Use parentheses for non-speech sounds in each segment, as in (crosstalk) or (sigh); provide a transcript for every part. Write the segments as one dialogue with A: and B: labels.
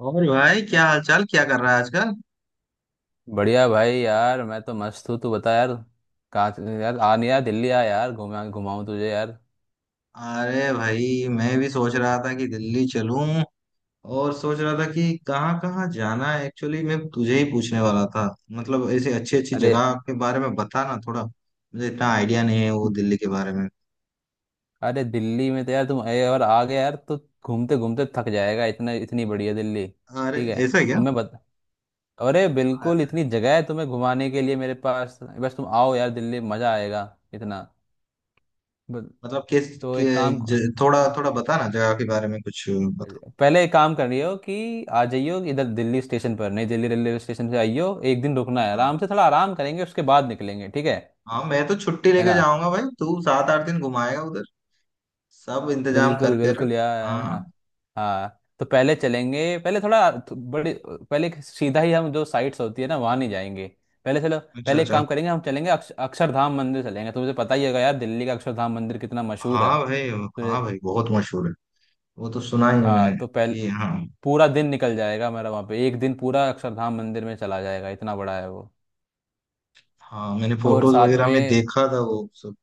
A: और भाई, क्या हालचाल, क्या कर रहा है आजकल?
B: बढ़िया भाई यार। मैं तो मस्त हूँ। तू बता यार। कहाँ यार? आ नहीं यार, दिल्ली आ यार, घुमा घुमाऊँ तुझे यार।
A: अरे भाई, मैं भी सोच रहा था कि दिल्ली चलूं। और सोच रहा था कि कहाँ कहाँ जाना है, एक्चुअली मैं तुझे ही पूछने वाला था। मतलब ऐसे अच्छी अच्छी
B: अरे
A: जगह के बारे में बता ना, थोड़ा मुझे इतना आइडिया नहीं है वो दिल्ली के बारे में।
B: अरे, दिल्ली में तो यार तुम और आ गए यार, तो घूमते घूमते थक जाएगा। इतना, इतनी बढ़िया दिल्ली।
A: अरे,
B: ठीक है
A: ऐसा है क्या?
B: तुम्हें बता। अरे बिल्कुल,
A: अरे,
B: इतनी जगह है तुम्हें घुमाने के लिए मेरे पास, बस तुम आओ यार दिल्ली, मज़ा आएगा इतना। ब-
A: मतलब
B: तो एक काम
A: थोड़ा थोड़ा बता ना, जगह के बारे में कुछ बता।
B: पहले एक काम कर रही हो कि आ जाइयो इधर दिल्ली स्टेशन पर, नई दिल्ली रेलवे स्टेशन से आइयो। एक दिन रुकना है,
A: हाँ
B: आराम से थोड़ा आराम करेंगे, उसके बाद निकलेंगे, ठीक है?
A: हाँ, मैं तो छुट्टी
B: है
A: लेके
B: ना।
A: जाऊंगा भाई, तू सात आठ दिन घुमाएगा उधर, सब इंतजाम
B: बिल्कुल
A: करके रख।
B: बिल्कुल यार,
A: हाँ,
B: हाँ। हाँ। तो पहले चलेंगे, पहले थोड़ा बड़ी पहले सीधा ही हम जो साइट्स होती है ना, वहाँ नहीं जाएंगे। पहले चलो,
A: अच्छा
B: पहले एक
A: अच्छा।
B: काम करेंगे, हम चलेंगे अक्षरधाम मंदिर चलेंगे। तुझे पता ही होगा यार दिल्ली का अक्षरधाम मंदिर कितना मशहूर है।
A: हाँ भाई,
B: तुझे
A: हाँ भाई, बहुत मशहूर है। वो तो सुना ही है
B: हाँ,
A: मैंने
B: तो पहले
A: कि, हाँ।
B: पूरा दिन निकल जाएगा मेरा वहाँ पे, एक दिन पूरा अक्षरधाम मंदिर में चला जाएगा, इतना बड़ा है वो।
A: हाँ, मैंने
B: और
A: फोटोज
B: साथ
A: वगैरह में
B: में
A: देखा था वो सब,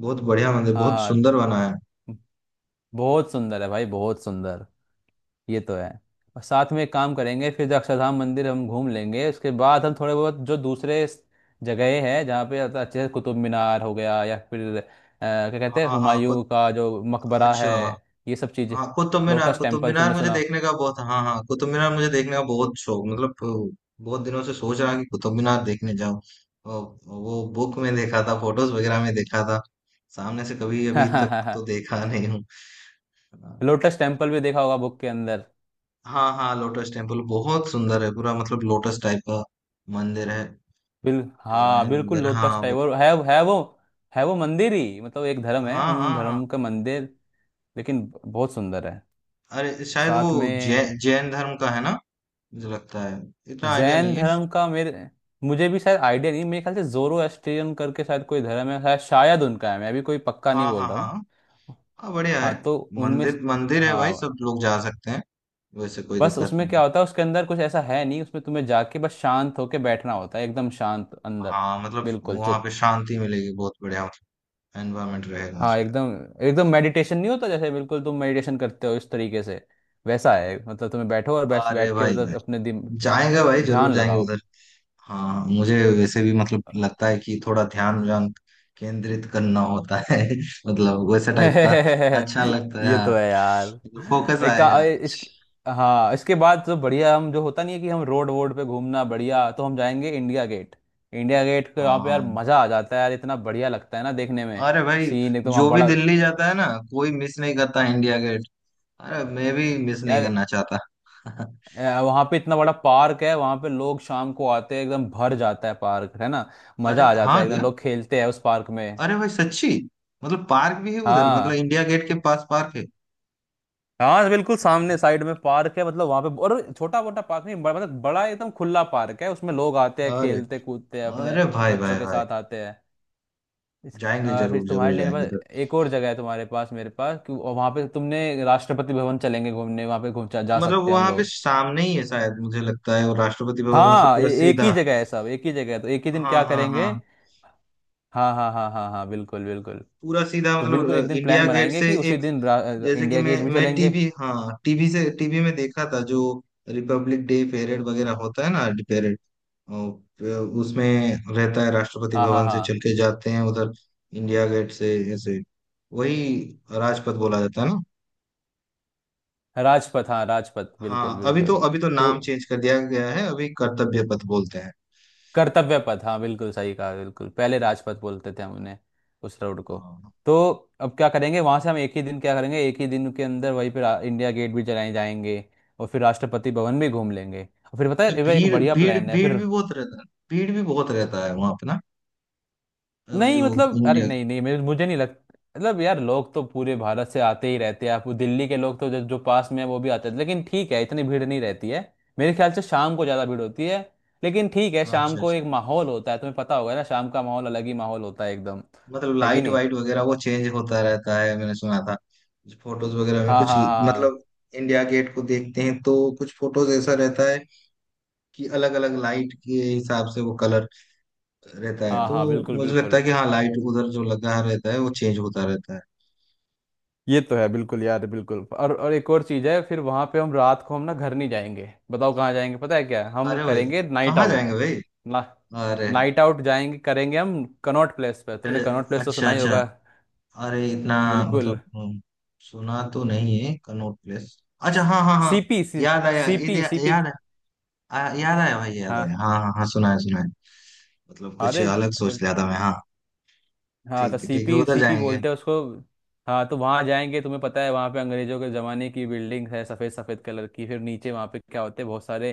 A: बहुत बढ़िया मंदिर, बहुत
B: हाँ
A: सुंदर बना है।
B: बहुत सुंदर है भाई, बहुत सुंदर। ये तो है। और साथ में एक काम करेंगे, फिर जो अक्षरधाम मंदिर हम घूम लेंगे, उसके बाद हम थोड़े बहुत जो दूसरे जगहें हैं जहाँ पे अच्छे से कुतुब मीनार हो गया, या फिर क्या कहते हैं
A: हाँ हाँ,
B: हुमायूं
A: कुत
B: का जो मकबरा
A: अच्छा।
B: है, ये सब चीज़ें।
A: हाँ,
B: लोटस
A: कुतुब
B: टेम्पल
A: मीनार
B: तुमने
A: मुझे
B: सुना
A: देखने का बहुत हाँ हाँ, कुतुब मीनार मुझे देखने का बहुत शौक। मतलब बहुत दिनों से सोच रहा कि कुतुब मीनार देखने जाऊँ। वो बुक में देखा था, फोटोज वगैरह में देखा था, सामने से कभी अभी तक
B: हो?
A: तो देखा नहीं हूँ। हाँ।
B: (laughs) लोटस टेम्पल भी देखा होगा बुक के अंदर।
A: हाँ हाँ, लोटस टेम्पल बहुत सुंदर है, पूरा मतलब लोटस टाइप का मंदिर है,
B: बिल हाँ
A: डिजाइन
B: बिल्कुल
A: वगैरह,
B: लोटस
A: हाँ
B: टाइप,
A: बहुत।
B: और है वो। है वो मंदिर ही, मतलब एक धर्म है,
A: हाँ
B: उन
A: हाँ हाँ।
B: धर्म का मंदिर, लेकिन बहुत सुंदर है।
A: अरे शायद वो
B: साथ में
A: जैन धर्म का है ना, मुझे लगता है, इतना आइडिया
B: जैन
A: नहीं है।
B: धर्म का मेरे मुझे भी शायद आइडिया नहीं, मेरे ख्याल से जोरोस्ट्रियन करके शायद कोई धर्म है, शायद शायद उनका है, मैं भी कोई पक्का नहीं
A: हाँ हाँ
B: बोल रहा
A: हाँ
B: हूँ।
A: हाँ, बढ़िया है।
B: हाँ, तो
A: मंदिर मंदिर है भाई, सब
B: हाँ
A: लोग जा सकते हैं, वैसे कोई
B: बस
A: दिक्कत
B: उसमें
A: नहीं।
B: क्या होता है, उसके अंदर कुछ ऐसा है नहीं, उसमें तुम्हें जाके बस शांत होके बैठना होता है, एकदम शांत अंदर।
A: हाँ मतलब
B: बिल्कुल
A: वहां
B: चुप,
A: पे शांति मिलेगी, बहुत बढ़िया एनवायरमेंट रहेगा
B: हाँ
A: शायद।
B: एकदम, एकदम मेडिटेशन नहीं होता जैसे बिल्कुल तुम मेडिटेशन करते हो इस तरीके से, वैसा है। मतलब तुम्हें बैठो और बस
A: अरे
B: बैठ के
A: भाई भाई,
B: मतलब अपने
A: जाएंगे भाई, जरूर
B: ध्यान
A: जाएंगे
B: लगाओ।
A: उधर। हाँ, मुझे वैसे भी मतलब लगता है कि थोड़ा ध्यान व्यान केंद्रित करना होता है (laughs) मतलब वैसे टाइप का
B: (laughs)
A: अच्छा लगता है,
B: ये तो
A: हाँ
B: है यार।
A: फोकस
B: एक का
A: आएगा।
B: ए- इस हाँ इसके बाद तो बढ़िया, हम जो होता नहीं है कि हम रोड वोड पे घूमना बढ़िया, तो हम जाएंगे इंडिया गेट। इंडिया गेट के
A: हाँ,
B: वहाँ पे यार
A: हाँ।
B: मजा आ जाता है यार, इतना बढ़िया लगता है ना देखने में,
A: अरे भाई,
B: सीन एकदम वहाँ
A: जो भी
B: बड़ा
A: दिल्ली जाता है ना, कोई मिस नहीं करता इंडिया गेट। अरे, मैं भी मिस नहीं
B: यार।
A: करना चाहता। (laughs)
B: वहाँ पे इतना बड़ा पार्क है, वहाँ पे लोग शाम को आते हैं एकदम भर जाता है पार्क, है ना मजा
A: अरे
B: आ जाता
A: हाँ
B: है एकदम,
A: क्या,
B: लोग खेलते हैं उस पार्क में।
A: अरे भाई सच्ची, मतलब पार्क भी है उधर, मतलब
B: हाँ।
A: इंडिया गेट के पास पार्क है।
B: हाँ तो बिल्कुल सामने साइड में पार्क है, मतलब वहां पे, और छोटा मोटा पार्क नहीं, बड़ा मतलब बड़ा एकदम खुला पार्क है, उसमें लोग आते हैं,
A: अरे
B: खेलते कूदते हैं
A: अरे,
B: अपने
A: अरे भाई
B: बच्चों
A: भाई
B: के
A: भाई,
B: साथ आते हैं। इस
A: जाएंगे
B: फिर
A: जरूर, जरूर
B: तुम्हारे लिए
A: जाएंगे।
B: मेरे पास एक और जगह है, तुम्हारे पास मेरे पास, कि वहां पे तुमने राष्ट्रपति भवन चलेंगे घूमने, वहां पे घूम जा जा
A: मतलब
B: सकते हैं हम
A: वहां पे
B: लोग।
A: सामने ही है शायद मुझे लगता है, और राष्ट्रपति भवन मतलब
B: हाँ
A: पूरा
B: एक ही
A: सीधा।
B: जगह है सब, एक ही जगह है, तो एक ही दिन
A: हाँ
B: क्या
A: हाँ
B: करेंगे।
A: हाँ।
B: हाँ हाँ हाँ हाँ हाँ, बिल्कुल बिल्कुल।
A: पूरा सीधा
B: तो
A: मतलब
B: बिल्कुल एक दिन
A: इंडिया
B: प्लान
A: गेट
B: बनाएंगे
A: से
B: कि उसी
A: एक,
B: दिन
A: जैसे कि
B: इंडिया गेट
A: मैं
B: भी
A: मैं
B: चलेंगे।
A: टीवी, हाँ टीवी से, टीवी में देखा था जो रिपब्लिक डे परेड वगैरह होता है ना, परेड उसमें रहता है, राष्ट्रपति
B: हाँ हाँ
A: भवन से चल
B: हाँ,
A: के जाते हैं उधर इंडिया गेट से ऐसे, वही राजपथ बोला जाता है ना।
B: राजपथ, हाँ राजपथ,
A: हाँ,
B: बिल्कुल बिल्कुल।
A: अभी तो
B: तो
A: नाम चेंज कर दिया गया है, अभी कर्तव्य पथ बोलते हैं।
B: कर्तव्य पथ, हाँ बिल्कुल सही कहा, बिल्कुल पहले राजपथ बोलते थे हम उन्हें, उस रोड को।
A: हाँ।
B: तो अब क्या करेंगे वहां से, हम एक ही दिन क्या करेंगे, एक ही दिन के अंदर वहीं पे इंडिया गेट भी चलाए जाएंगे, और फिर राष्ट्रपति भवन भी घूम लेंगे, और फिर पता
A: अच्छा,
B: है ये एक
A: भीड़
B: बढ़िया
A: भीड़
B: प्लान है
A: भीड़
B: फिर।
A: भी बहुत रहता है, भीड़ भी बहुत रहता है वहां पे ना।
B: नहीं
A: जो
B: मतलब, अरे
A: इंडिया,
B: नहीं नहीं, मेरे मुझे नहीं लगता, मतलब यार लोग तो पूरे भारत से आते ही रहते हैं, आप दिल्ली के लोग तो जो पास में है वो भी आते हैं, लेकिन ठीक है इतनी भीड़ नहीं रहती है, मेरे ख्याल से शाम को ज़्यादा भीड़ होती है, लेकिन ठीक है शाम
A: अच्छा
B: को
A: अच्छा,
B: एक माहौल होता है, तुम्हें पता होगा ना शाम का माहौल अलग ही माहौल होता है एकदम।
A: मतलब
B: है कि
A: लाइट
B: नहीं,
A: वाइट वगैरह वो चेंज होता रहता है, मैंने सुना था, फोटोज वगैरह में
B: हाँ
A: कुछ,
B: हाँ
A: मतलब
B: हाँ
A: इंडिया गेट को देखते हैं तो कुछ फोटोज ऐसा रहता है कि अलग अलग लाइट के हिसाब से वो कलर रहता है,
B: हाँ
A: तो
B: हाँ, बिल्कुल
A: मुझे लगता है
B: बिल्कुल,
A: कि हाँ, लाइट उधर जो लगा रहता है वो चेंज होता रहता है।
B: ये तो है बिल्कुल यार बिल्कुल, और एक और चीज़ है, फिर वहाँ पे हम रात को हम ना घर नहीं जाएंगे, बताओ कहाँ जाएंगे, पता है क्या हम
A: अरे भाई,
B: करेंगे? नाइट
A: कहाँ
B: आउट
A: जाएंगे भाई,
B: ना,
A: अरे।
B: नाइट आउट जाएंगे करेंगे हम कनॉट प्लेस पे, तुमने कनॉट प्लेस तो
A: अच्छा
B: सुना ही
A: अच्छा,
B: होगा,
A: अरे इतना
B: बिल्कुल,
A: मतलब सुना तो नहीं है कनॉट प्लेस। अच्छा हाँ हाँ हाँ,
B: सीपी
A: याद आया
B: सीपी सीपी,
A: याद आया, याद आया भाई, याद आया,
B: हाँ
A: हाँ हाँ हाँ, सुना है सुना है। मतलब कुछ
B: अरे
A: अलग सोच लिया था मैं, हाँ
B: हाँ, तो
A: ठीक है, ठीक है
B: सीपी
A: उधर
B: सीपी
A: जाएंगे।
B: बोलते हैं उसको। हाँ तो वहाँ जाएंगे, तुम्हें पता है वहाँ पे अंग्रेजों के ज़माने की बिल्डिंग है, सफ़ेद सफ़ेद कलर की, फिर नीचे वहाँ पे क्या होते हैं बहुत सारे,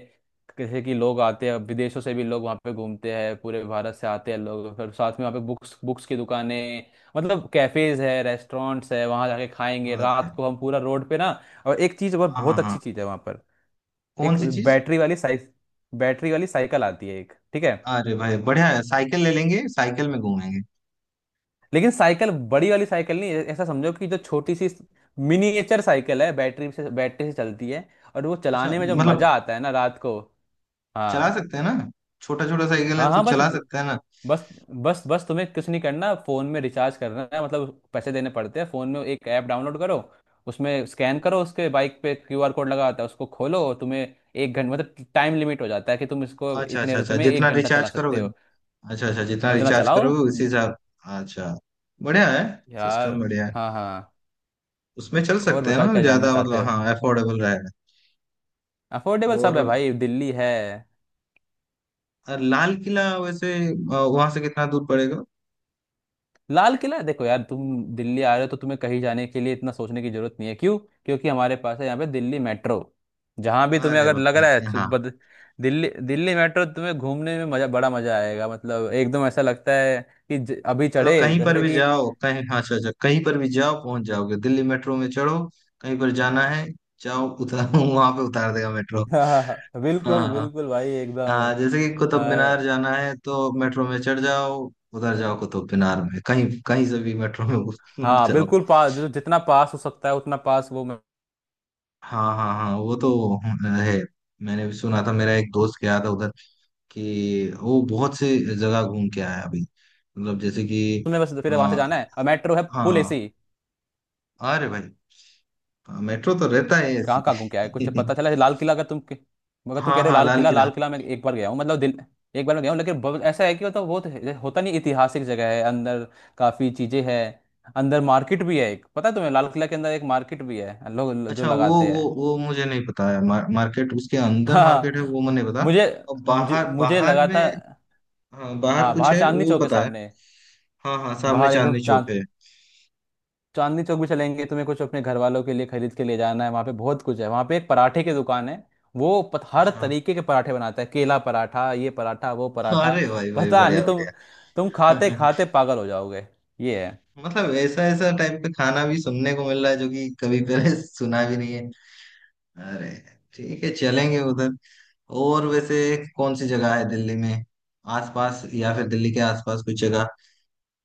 B: जैसे कि लोग आते हैं विदेशों से भी, लोग वहाँ पे घूमते हैं पूरे भारत से आते हैं लोग, फिर साथ में वहाँ पे बुक्स बुक्स की दुकानें, मतलब कैफ़ेज है, रेस्टोरेंट्स है, वहाँ जाके खाएंगे
A: अरे
B: रात को हम पूरा रोड पे ना, और एक चीज़ और
A: हाँ, हाँ
B: बहुत
A: हाँ,
B: अच्छी चीज़ है वहाँ पर।
A: कौन
B: एक
A: सी चीज?
B: बैटरी वाली साइक बैटरी वाली साइकिल आती है एक, ठीक है,
A: अरे भाई बढ़िया है, साइकिल ले लेंगे, साइकिल में घूमेंगे।
B: लेकिन साइकिल बड़ी वाली साइकिल नहीं, ऐसा समझो कि जो छोटी सी मिनिएचर साइकिल है, बैटरी से चलती है, और वो
A: अच्छा
B: चलाने में जो
A: मतलब
B: मजा आता है ना रात को।
A: चला
B: हाँ
A: सकते हैं ना, छोटा छोटा साइकिल है
B: हाँ
A: तो
B: हाँ, बस
A: चला सकते हैं ना।
B: बस बस बस तुम्हें कुछ नहीं करना, फोन में रिचार्ज करना है, मतलब पैसे देने पड़ते हैं, फोन में एक ऐप डाउनलोड करो, उसमें स्कैन करो, उसके बाइक पे क्यूआर कोड लगा होता है, उसको खोलो, और तुम्हें एक घंटा मतलब टाइम लिमिट हो जाता है कि तुम इसको
A: अच्छा
B: इतने
A: अच्छा,
B: रुपए
A: अच्छा
B: में एक
A: जितना
B: घंटा चला
A: रिचार्ज
B: सकते
A: करोगे,
B: हो,
A: अच्छा अच्छा जितना
B: और उतना
A: रिचार्ज
B: चलाओ
A: करोगे उसी हिसाब। अच्छा, बढ़िया है,
B: यार।
A: सिस्टम बढ़िया है।
B: हाँ हाँ,
A: उसमें चल
B: और
A: सकते हैं
B: बताओ
A: ना
B: क्या जानना
A: ज्यादा,
B: चाहते
A: मतलब
B: हो?
A: हाँ, अफोर्डेबल रहेगा।
B: अफोर्डेबल सब
A: और
B: है भाई, दिल्ली है।
A: लाल किला वैसे वहां से कितना दूर पड़ेगा?
B: लाल किला देखो यार, तुम दिल्ली आ रहे हो तो तुम्हें कहीं जाने के लिए इतना सोचने की जरूरत नहीं है, क्यों? क्योंकि हमारे पास है यहाँ पे दिल्ली मेट्रो, जहाँ भी तुम्हें
A: अरे
B: अगर लग
A: भाई
B: रहा है तो
A: हाँ,
B: दिल्ली दिल्ली मेट्रो तुम्हें घूमने में मजा, बड़ा मजा आएगा, मतलब एकदम ऐसा लगता है कि अभी
A: मतलब
B: चढ़े
A: कहीं पर
B: जैसे
A: भी
B: कि।
A: जाओ कहीं, हाँ, अच्छा अच्छा, कहीं पर भी जाओ पहुंच जाओगे, दिल्ली मेट्रो में चढ़ो, कहीं पर जाना है जाओ, उतार (laughs) वहां पे उतार देगा मेट्रो।
B: (laughs)
A: हाँ
B: बिल्कुल
A: हाँ
B: बिल्कुल भाई एकदम।
A: हाँ, जैसे कि कुतुब मीनार
B: अ,
A: जाना है तो मेट्रो में चढ़ जाओ, उधर जाओ कुतुब मीनार में, कहीं कहीं से भी मेट्रो में (laughs)
B: हाँ
A: जाओ।
B: बिल्कुल पास, जो जितना पास हो सकता है उतना पास वो,
A: हाँ हाँ हाँ, वो तो है, मैंने भी सुना था, मेरा एक दोस्त गया था उधर कि वो बहुत से जगह घूम के आया अभी, मतलब जैसे कि
B: तुम्हें बस फिर वहां से
A: आ,
B: जाना है, और मेट्रो है फुल
A: हाँ,
B: एसी।
A: अरे भाई, मेट्रो तो रहता है
B: कहाँ
A: ऐसी।
B: कहाँ घूम के आए कुछ तो पता चला है? लाल किला अगर
A: (laughs)
B: तुम कह
A: हाँ
B: रहे हो
A: हाँ,
B: लाल
A: लाल
B: किला, लाल
A: किला।
B: किला मैं एक बार गया हूँ, मतलब दिल एक बार मैं गया हूँ, लेकिन ऐसा है कि मतलब होता नहीं, ऐतिहासिक जगह है अंदर, काफी चीजें हैं अंदर, मार्केट भी है एक, पता है तुम्हें लाल किला के अंदर एक मार्केट भी है, लोग जो
A: अच्छा वो
B: लगाते
A: वो
B: हैं।
A: वो मुझे नहीं पता है, मार्केट, उसके
B: (laughs)
A: अंदर मार्केट है
B: हाँ
A: वो मुझे नहीं पता।
B: मुझे,
A: और
B: मुझे
A: बाहर
B: मुझे
A: बाहर
B: लगा था,
A: में, हाँ बाहर
B: हाँ
A: कुछ
B: बाहर
A: है
B: चांदनी
A: वो
B: चौक के
A: पता है,
B: सामने,
A: हाँ हाँ सामने
B: बाहर एकदम
A: चांदनी चौक
B: चांद
A: है।
B: चांदनी चौक भी चलेंगे, तुम्हें कुछ अपने घर वालों के लिए खरीद के ले जाना है, वहाँ पे बहुत कुछ है, वहाँ पे एक पराठे की दुकान है, हर
A: अच्छा,
B: तरीके के पराठे बनाता है, केला पराठा, ये पराठा, वो पराठा,
A: अरे भाई भाई,
B: पता नहीं
A: बढ़िया
B: तुम,
A: बढ़िया।
B: तुम खाते
A: (laughs)
B: खाते पागल हो जाओगे, ये है।
A: मतलब ऐसा ऐसा टाइप का खाना भी सुनने को मिल रहा है जो कि कभी पहले (laughs) सुना भी नहीं है। अरे, ठीक है चलेंगे उधर। और वैसे कौन सी जगह है दिल्ली में आसपास, या फिर दिल्ली के आसपास कोई जगह,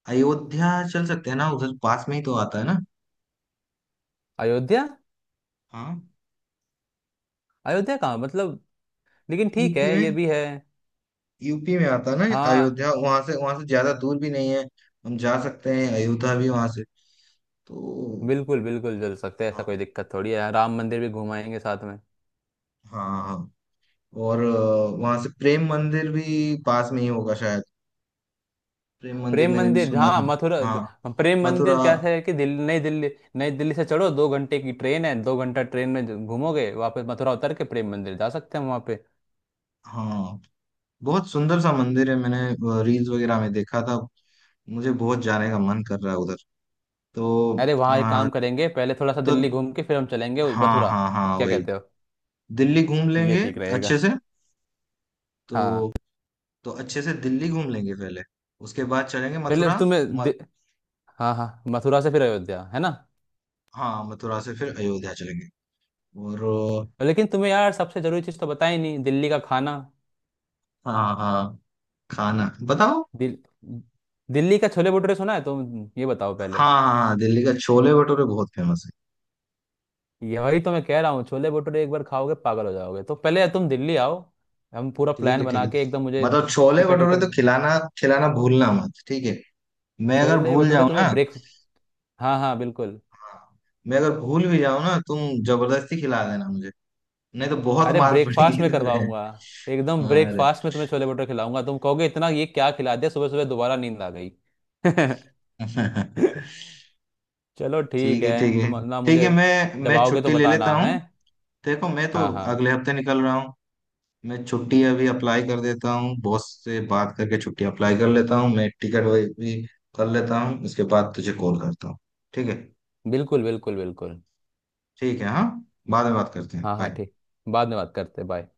A: अयोध्या चल सकते हैं ना, उधर पास में ही तो आता है ना।
B: अयोध्या,
A: हाँ,
B: अयोध्या कहाँ मतलब, लेकिन ठीक है
A: यूपी में,
B: ये भी है,
A: यूपी में आता है ना,
B: हाँ
A: अयोध्या वहां से, वहां से ज्यादा दूर भी नहीं है, हम जा सकते हैं अयोध्या भी वहां से तो।
B: बिल्कुल बिल्कुल चल सकते हैं, ऐसा
A: हाँ
B: कोई दिक्कत थोड़ी है, राम मंदिर भी घुमाएंगे साथ में।
A: हाँ हाँ। और वहां से प्रेम मंदिर भी पास में ही होगा शायद, प्रेम मंदिर
B: प्रेम
A: मैंने भी
B: मंदिर
A: सुना
B: जहाँ
A: था।
B: मथुरा,
A: हाँ,
B: प्रेम
A: मथुरा।
B: मंदिर कैसा है कि दिल्ली, नई दिल्ली, नई दिल्ली से चढ़ो, दो घंटे की ट्रेन है, दो घंटा ट्रेन में घूमोगे, वापस मथुरा उतर के प्रेम मंदिर जा सकते हैं वहाँ पे।
A: हाँ, बहुत सुंदर सा मंदिर है, मैंने रील्स वगैरह में देखा था, मुझे बहुत जाने का मन कर रहा है उधर तो।
B: अरे वहाँ एक
A: हाँ
B: काम करेंगे, पहले थोड़ा सा
A: तो,
B: दिल्ली घूम के फिर हम चलेंगे
A: हाँ
B: मथुरा,
A: हाँ हाँ,
B: क्या
A: वही,
B: कहते हो,
A: दिल्ली घूम
B: ये
A: लेंगे
B: ठीक रहेगा,
A: अच्छे से
B: हाँ।
A: तो। तो अच्छे से दिल्ली घूम लेंगे पहले, उसके बाद चलेंगे
B: पहले
A: मथुरा।
B: तुम्हें
A: म,
B: हाँ हाँ, मथुरा से फिर अयोध्या है ना।
A: हाँ, मथुरा से फिर अयोध्या चलेंगे। और
B: लेकिन तुम्हें यार सबसे जरूरी चीज़ तो बताई नहीं, दिल्ली का खाना,
A: हाँ हाँ, खाना बताओ।
B: दिल... दिल्ली का छोले भटूरे सुना है, तुम ये बताओ पहले।
A: हाँ हाँ हाँ, दिल्ली का छोले भटूरे बहुत फेमस है।
B: यही तो मैं कह रहा हूँ, छोले भटूरे एक बार खाओगे पागल हो जाओगे, तो पहले तुम दिल्ली आओ, हम पूरा
A: ठीक
B: प्लान
A: है ठीक
B: बना
A: है,
B: के एकदम मुझे
A: मतलब छोले
B: टिकट
A: भटूरे तो
B: विकट।
A: खिलाना, खिलाना भूलना मत ठीक है, मैं अगर
B: छोले
A: भूल
B: भटूरे
A: जाऊं ना,
B: तुम्हें
A: हाँ।
B: ब्रेक हाँ हाँ बिल्कुल,
A: मैं अगर भूल भी जाऊं ना, तुम जबरदस्ती खिला देना मुझे, नहीं तो बहुत
B: अरे
A: मार पड़ेगी
B: ब्रेकफास्ट में
A: तुम्हें।
B: करवाऊंगा, एकदम
A: अरे,
B: ब्रेकफास्ट में तुम्हें छोले भटूरे खिलाऊंगा, तुम कहोगे इतना ये क्या खिला दिया सुबह सुबह, दोबारा नींद आ गई। (laughs)
A: (laughs)
B: चलो ठीक
A: ठीक
B: है,
A: है ठीक है,
B: तुम ना
A: ठीक
B: मुझे
A: है मैं
B: जब
A: मैं
B: आओगे तो
A: छुट्टी ले लेता
B: बताना है,
A: हूँ। देखो मैं तो
B: हाँ हाँ,
A: अगले हफ्ते निकल रहा हूँ, मैं छुट्टी अभी अप्लाई कर देता हूँ, बॉस से बात करके छुट्टी अप्लाई कर लेता हूँ, मैं टिकट भी कर लेता हूँ, उसके बाद तुझे कॉल करता हूँ, ठीक है।
B: बिल्कुल बिल्कुल बिल्कुल,
A: ठीक है हाँ, बाद में बात करते हैं,
B: हाँ हाँ
A: बाय।
B: ठीक, बाद में बात करते बाय।